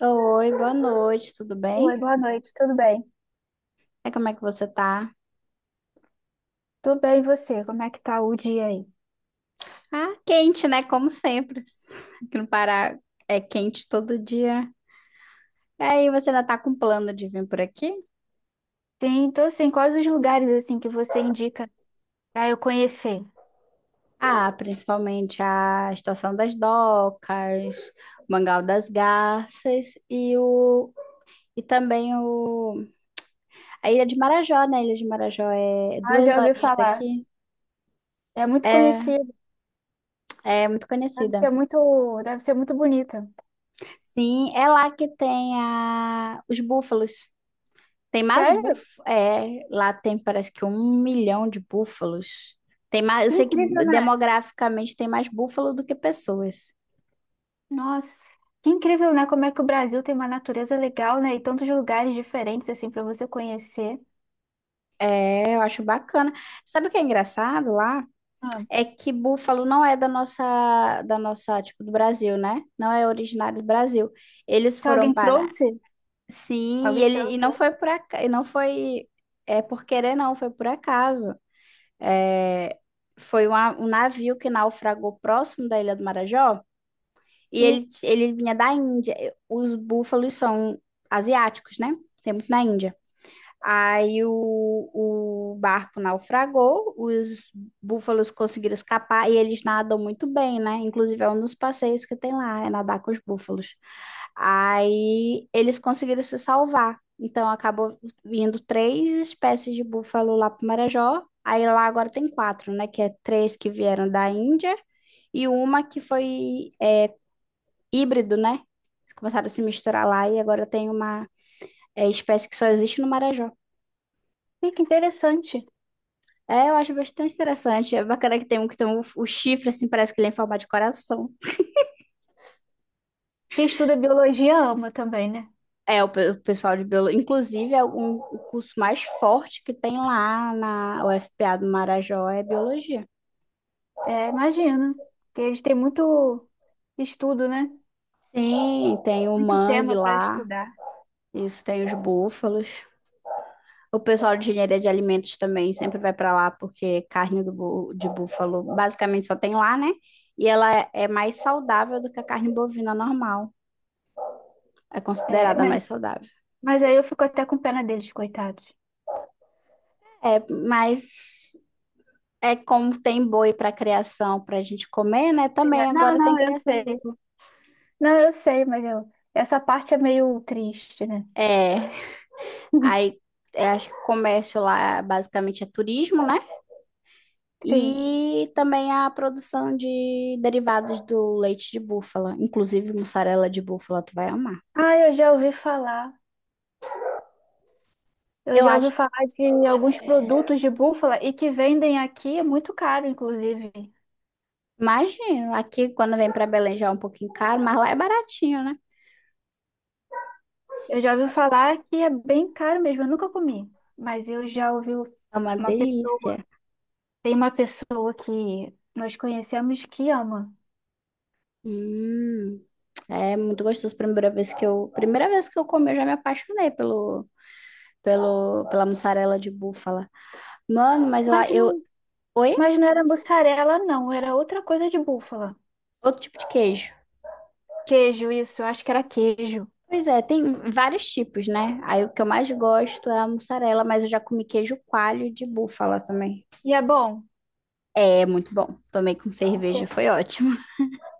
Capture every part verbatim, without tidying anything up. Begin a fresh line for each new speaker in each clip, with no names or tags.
Oi, boa noite, tudo bem?
Oi, boa noite, tudo bem?
É, como é que você tá?
Tudo bem, e você? Como é que tá o dia aí?
Ah, quente, né? Como sempre. Aqui no Pará é quente todo dia. E aí, você ainda tá com plano de vir por aqui?
Sim, tô sim. Quais os lugares assim que você indica pra eu conhecer?
Ah, principalmente a Estação das Docas, o Mangal das Garças e o e também o a Ilha de Marajó, né? A Ilha de Marajó é
Ah,
duas
já ouvi
horinhas
falar.
daqui.
É muito
É,
conhecido.
é muito
Deve
conhecida.
ser muito, deve ser muito bonita.
Sim, é lá que tem a... os búfalos. Tem mais
Sério?
búfalos. É, lá tem parece que um milhão de búfalos. Tem mais, eu
Que
sei que
incrível, né?
demograficamente tem mais búfalo do que pessoas.
Nossa, que incrível, né? Como é que o Brasil tem uma natureza legal, né? E tantos lugares diferentes assim pra você conhecer.
É, eu acho bacana. Sabe o que é engraçado lá?
Ah,
É que búfalo não é da nossa, da nossa, tipo, do Brasil, né? Não é originário do Brasil. Eles
então
foram
alguém
para.
trouxe?
Sim, e
Alguém
ele e
trouxe?
não foi por acaso, e não foi é por querer não, foi por acaso. É, foi uma- um navio que naufragou próximo da Ilha do Marajó. E
E,
ele, ele vinha da Índia. Os búfalos são asiáticos, né? Tem muito na Índia. Aí o, o barco naufragou, os búfalos conseguiram escapar e eles nadam muito bem, né? Inclusive é um dos passeios que tem lá, é nadar com os búfalos. Aí eles conseguiram se salvar. Então acabou vindo três espécies de búfalo lá para Marajó. Aí lá agora tem quatro, né? Que é três que vieram da Índia e uma que foi híbrido, né? Começaram a se misturar lá e agora tem uma é, espécie que só existe no Marajó.
e que interessante.
É, eu acho bastante interessante. É bacana que tem um que tem um- o chifre, assim, parece que ele é em forma de coração.
Quem estuda biologia ama também, né?
É, o, pe- o pessoal de biologia. Inclusive, é um, o curso mais forte que tem lá na U F P A do Marajó é biologia.
É, imagino. Porque eles têm muito estudo, né?
Sim, tem o
Muito
mangue
tema para
lá,
estudar.
isso tem os búfalos. O pessoal de engenharia de alimentos também sempre vai para lá porque carne do bu- de búfalo basicamente só tem lá, né? E ela é mais saudável do que a carne bovina normal. É
É,
considerada
mas,
mais saudável.
mas aí eu fico até com pena deles, coitados.
É, mas é como tem boi para criação para a gente comer, né?
É,
Também
não,
agora tem
não, eu
criação de
sei.
búfalo.
Não, eu sei, mas eu... essa parte é meio triste, né?
É, aí é, acho que o comércio lá basicamente é turismo, né?
Sim.
E também a produção de derivados do leite de búfala, inclusive mussarela de búfala, tu vai amar.
Ah, eu já ouvi falar. Eu
Eu
já
acho.
ouvi falar de alguns produtos de búfala e que vendem aqui, é muito caro, inclusive.
Imagino. Aqui, quando vem para Belém, já é um pouquinho caro, mas lá é baratinho, né?
Eu já ouvi falar que é bem caro mesmo, eu nunca comi. Mas eu já ouvi
É uma
uma pessoa.
delícia.
Tem uma pessoa que nós conhecemos que ama,
Hum, é muito gostoso. Primeira vez que eu, primeira vez que eu comi, eu já me apaixonei pelo, pelo, pela mussarela de búfala. Mano, mas eu,
mas
eu,
não,
oi?
mas não era mussarela, não, era outra coisa de búfala.
Outro tipo de queijo.
Queijo, isso, eu acho que era queijo.
Pois é, tem vários tipos, né? Aí o que eu mais gosto é a mussarela, mas eu já comi queijo coalho de búfala também.
E é bom,
É muito bom. Tomei com cerveja,
porque,
foi ótimo.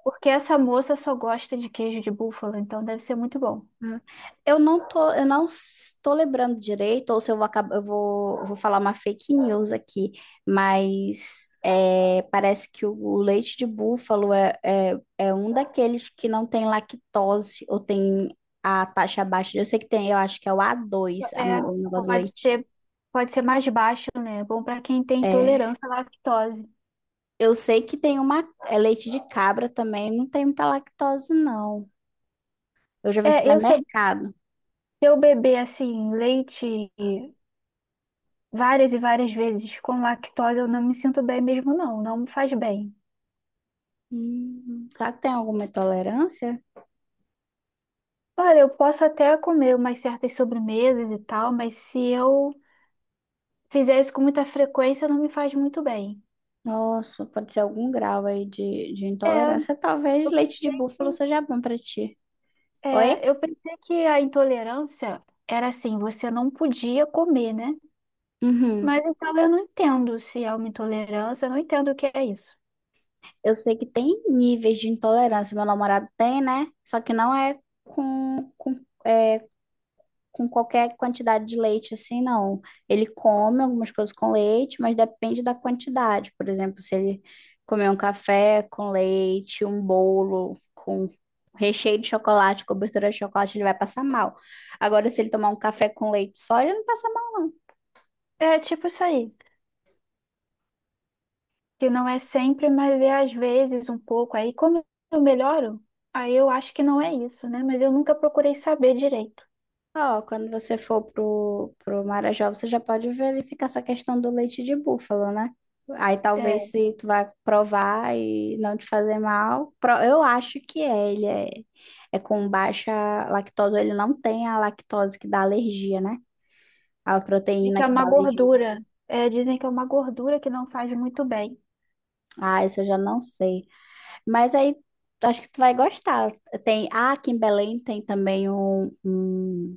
porque essa moça só gosta de queijo de búfala, então deve ser muito bom.
Hum. Eu não tô, eu não estou lembrando direito, ou se eu vou acabar, eu vou, eu vou falar uma fake news aqui, mas é, parece que o o leite de búfalo é, é, é um daqueles que não tem lactose ou tem a taxa abaixo. Eu sei que tem, eu acho que é o a dois a,
É,
no- o negócio do
pode
leite.
ter, pode ser mais baixo, né? É bom para quem tem
É,
intolerância à lactose.
eu sei que tem uma, é leite de cabra também, não tem muita lactose, não. Eu já vi em
É, eu, se eu
supermercado.
Se eu beber assim, leite várias e várias vezes com lactose, eu não me sinto bem mesmo, não, não me faz bem.
Hum, será que tem alguma intolerância?
Olha, eu posso até comer umas certas sobremesas e tal, mas se eu fizer isso com muita frequência, não me faz muito bem.
Nossa, pode ser algum grau aí de, de
É,
intolerância. Talvez
eu
leite de
pensei que.
búfalo seja bom pra ti. Oi?
É, eu pensei que a intolerância era assim, você não podia comer, né?
Uhum.
Mas então eu não entendo se é uma intolerância, eu não entendo o que é isso.
Eu sei que tem níveis de intolerância. Meu namorado tem, né? Só que não é com, com é com qualquer quantidade de leite, assim, não. Ele come algumas coisas com leite, mas depende da quantidade. Por exemplo, se ele comer um café com leite, um bolo com recheio de chocolate, cobertura de chocolate, ele vai passar mal. Agora, se ele tomar um café com leite só, ele não passa mal, não.
É tipo isso aí, que não é sempre, mas é às vezes um pouco. Aí como eu melhoro, aí eu acho que não é isso, né? Mas eu nunca procurei saber direito.
Ó, quando você for pro, pro Marajó, você já pode verificar essa questão do leite de búfalo, né? Aí
É,
talvez se tu vai provar e não te fazer mal, pro- eu acho que é, ele é, é com baixa lactose, ele não tem a lactose que dá alergia, né? A
É
proteína
que é
que
uma
dá alergia.
gordura. É, dizem que é uma gordura que não faz muito bem.
Ah, isso eu já não sei. Mas aí acho que tu vai gostar. Tem, ah, aqui em Belém tem também um, um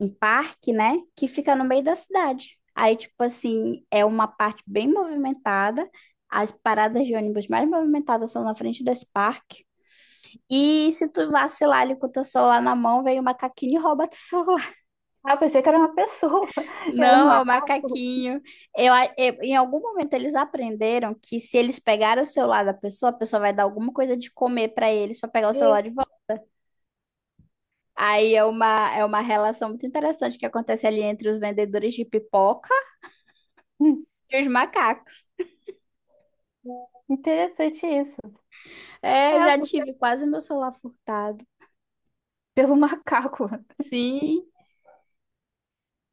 um parque, né, que fica no meio da cidade. Aí, tipo assim, é uma parte bem movimentada. As paradas de ônibus mais movimentadas são na frente desse parque. E se tu vacilar ali com o teu celular na mão, vem o macaquinho e rouba teu celular.
Ah, eu pensei que era uma pessoa, era um
Não, é o
macaco.
macaquinho. Eu, a- eu- em algum momento eles aprenderam que se eles pegarem o celular da pessoa, a pessoa vai dar alguma coisa de comer pra eles pra pegar o
E,
celular de volta. Aí é uma, é uma relação muito interessante que acontece ali entre os vendedores de pipoca
hum,
e os macacos.
interessante isso.
É, eu
É,
já
porque-
tive
é
quase meu celular furtado.
pelo macaco.
Sim.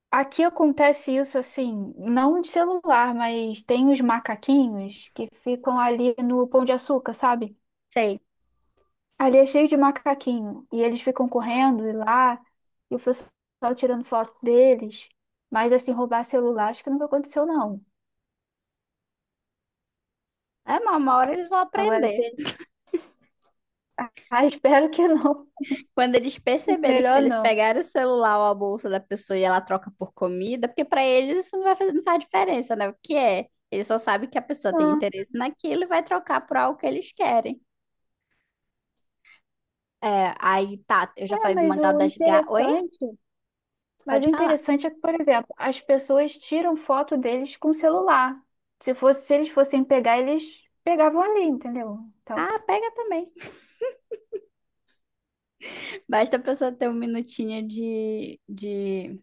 Aqui acontece isso assim, não de celular, mas tem os macaquinhos que ficam ali no Pão de Açúcar, sabe?
Sei.
Ali é cheio de macaquinho. E eles ficam correndo e lá, e o pessoal tirando foto deles. Mas assim, roubar celular, acho que nunca aconteceu, não.
É, mas uma hora eles vão
Agora,
aprender.
se Ah, espero que não.
Quando eles perceberem que se
Melhor
eles
não.
pegarem o celular ou a bolsa da pessoa e ela troca por comida, porque pra eles isso não vai fazer, não faz diferença, né? O que é? Eles só sabem que a pessoa tem
Não.
interesse naquilo e vai trocar por algo que eles querem. É, aí tá, eu já
É,
falei do
mas
mangal
o
das gatas. Oi?
interessante, mas o
Pode falar.
interessante é que, por exemplo, as pessoas tiram foto deles com celular. Se fosse, se eles fossem pegar, eles pegavam ali, entendeu? Então,
Ah, pega também. Basta a pessoa ter um minutinho de, de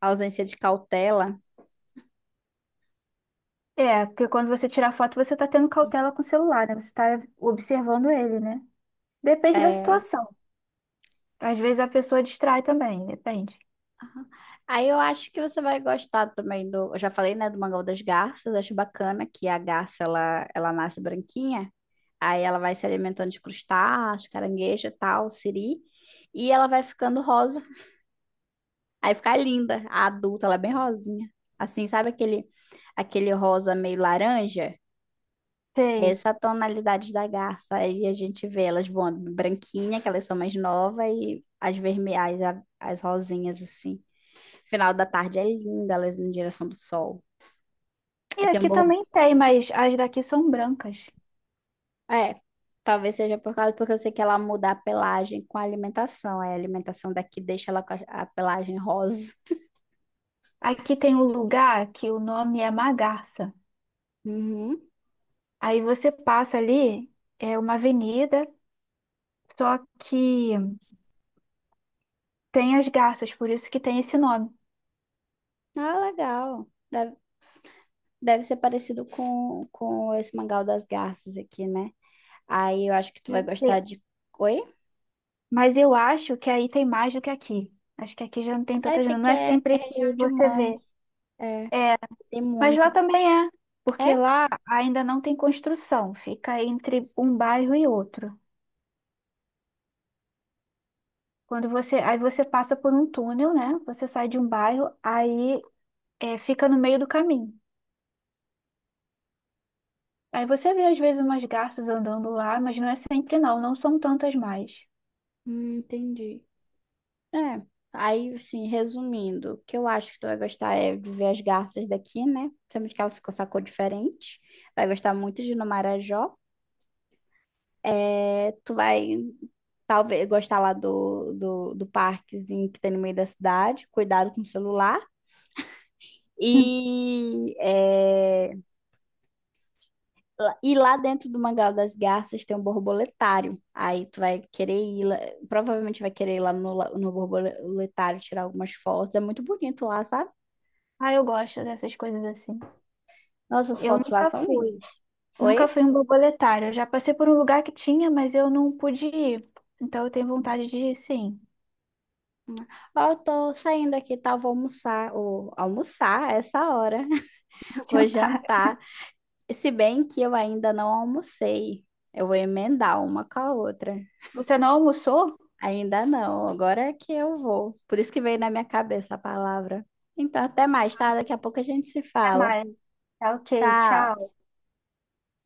ausência de cautela.
é, porque quando você tira foto, você tá tendo cautela com o celular, né? Você tá observando ele, né? Depende da
É,
situação. Às vezes a pessoa distrai também, depende.
aí eu acho que você vai gostar também do. Eu já falei, né, do mangá das garças. Acho bacana que a garça ela, ela nasce branquinha. Aí ela vai se alimentando de crustáceos, caranguejo e tal, siri. E ela vai ficando rosa. Aí fica linda. A adulta, ela é bem rosinha. Assim, sabe aquele, aquele rosa meio laranja?
Tem.
Essa tonalidade da garça. Aí a gente vê elas voando branquinha, que elas são mais novas, e as vermelhas, a- as rosinhas, assim. Final da tarde é linda, elas indo em direção do sol.
E
Aí tem um
aqui
borbo.
também tem, mas as daqui são brancas.
É, talvez seja por causa, porque eu sei que ela muda a pelagem com a alimentação. Aí a alimentação daqui deixa ela com a, a pelagem rosa.
Aqui tem um lugar que o nome é Magarça.
Uhum.
Aí você passa ali, é uma avenida, só que tem as garças, por isso que tem esse nome.
Ah, legal. Deve, deve ser parecido com, com esse mangá das garças aqui, né? Aí eu acho que tu vai
Deve ser.
gostar de. Oi?
Mas eu acho que aí tem mais do que aqui. Acho que aqui já não tem
É
tantas,
porque
não
aqui
é
é, é
sempre que
região de
você vê.
mangue. É, tem
Mas lá
muita.
também é,
É?
porque lá ainda não tem construção, fica entre um bairro e outro. Quando você, aí você passa por um túnel, né? Você sai de um bairro, aí é, fica no meio do caminho. Aí você vê às vezes umas garças andando lá, mas não é sempre não, não são tantas mais.
Hum, entendi. É. Aí, assim, resumindo, o que eu acho que tu vai gostar é de ver as garças daqui, né? Sabemos que elas ficam com essa cor diferente. Vai gostar muito de ir no Marajó. É, tu vai, talvez, gostar lá do, do, do parquezinho que tem no meio da cidade. Cuidado com o celular.
Hum.
E, é, lá- e lá dentro do Mangal das Garças tem um borboletário. Aí tu vai querer ir lá, provavelmente vai querer ir lá no, la- no borboletário tirar algumas fotos. É muito bonito lá, sabe?
Ah, eu gosto dessas coisas assim.
Nossa, as
Eu
fotos lá
nunca
são
fui.
lindas.
Nunca
Oi?
fui um borboletário. Eu já passei por um lugar que tinha, mas eu não pude ir. Então eu tenho vontade de ir, sim.
Ó, eu tô saindo aqui, tá? Vou almoçar, ou almoçar essa hora. Vou
Adiantar.
jantar. Se bem que eu ainda não almocei. Eu vou emendar uma com a outra.
Você não almoçou?
Ainda não, agora é que eu vou. Por isso que veio na minha cabeça a palavra. Então, até mais, tá? Daqui a pouco a gente se
Até
fala.
mais. Tá ok,
Tchau.
tchau.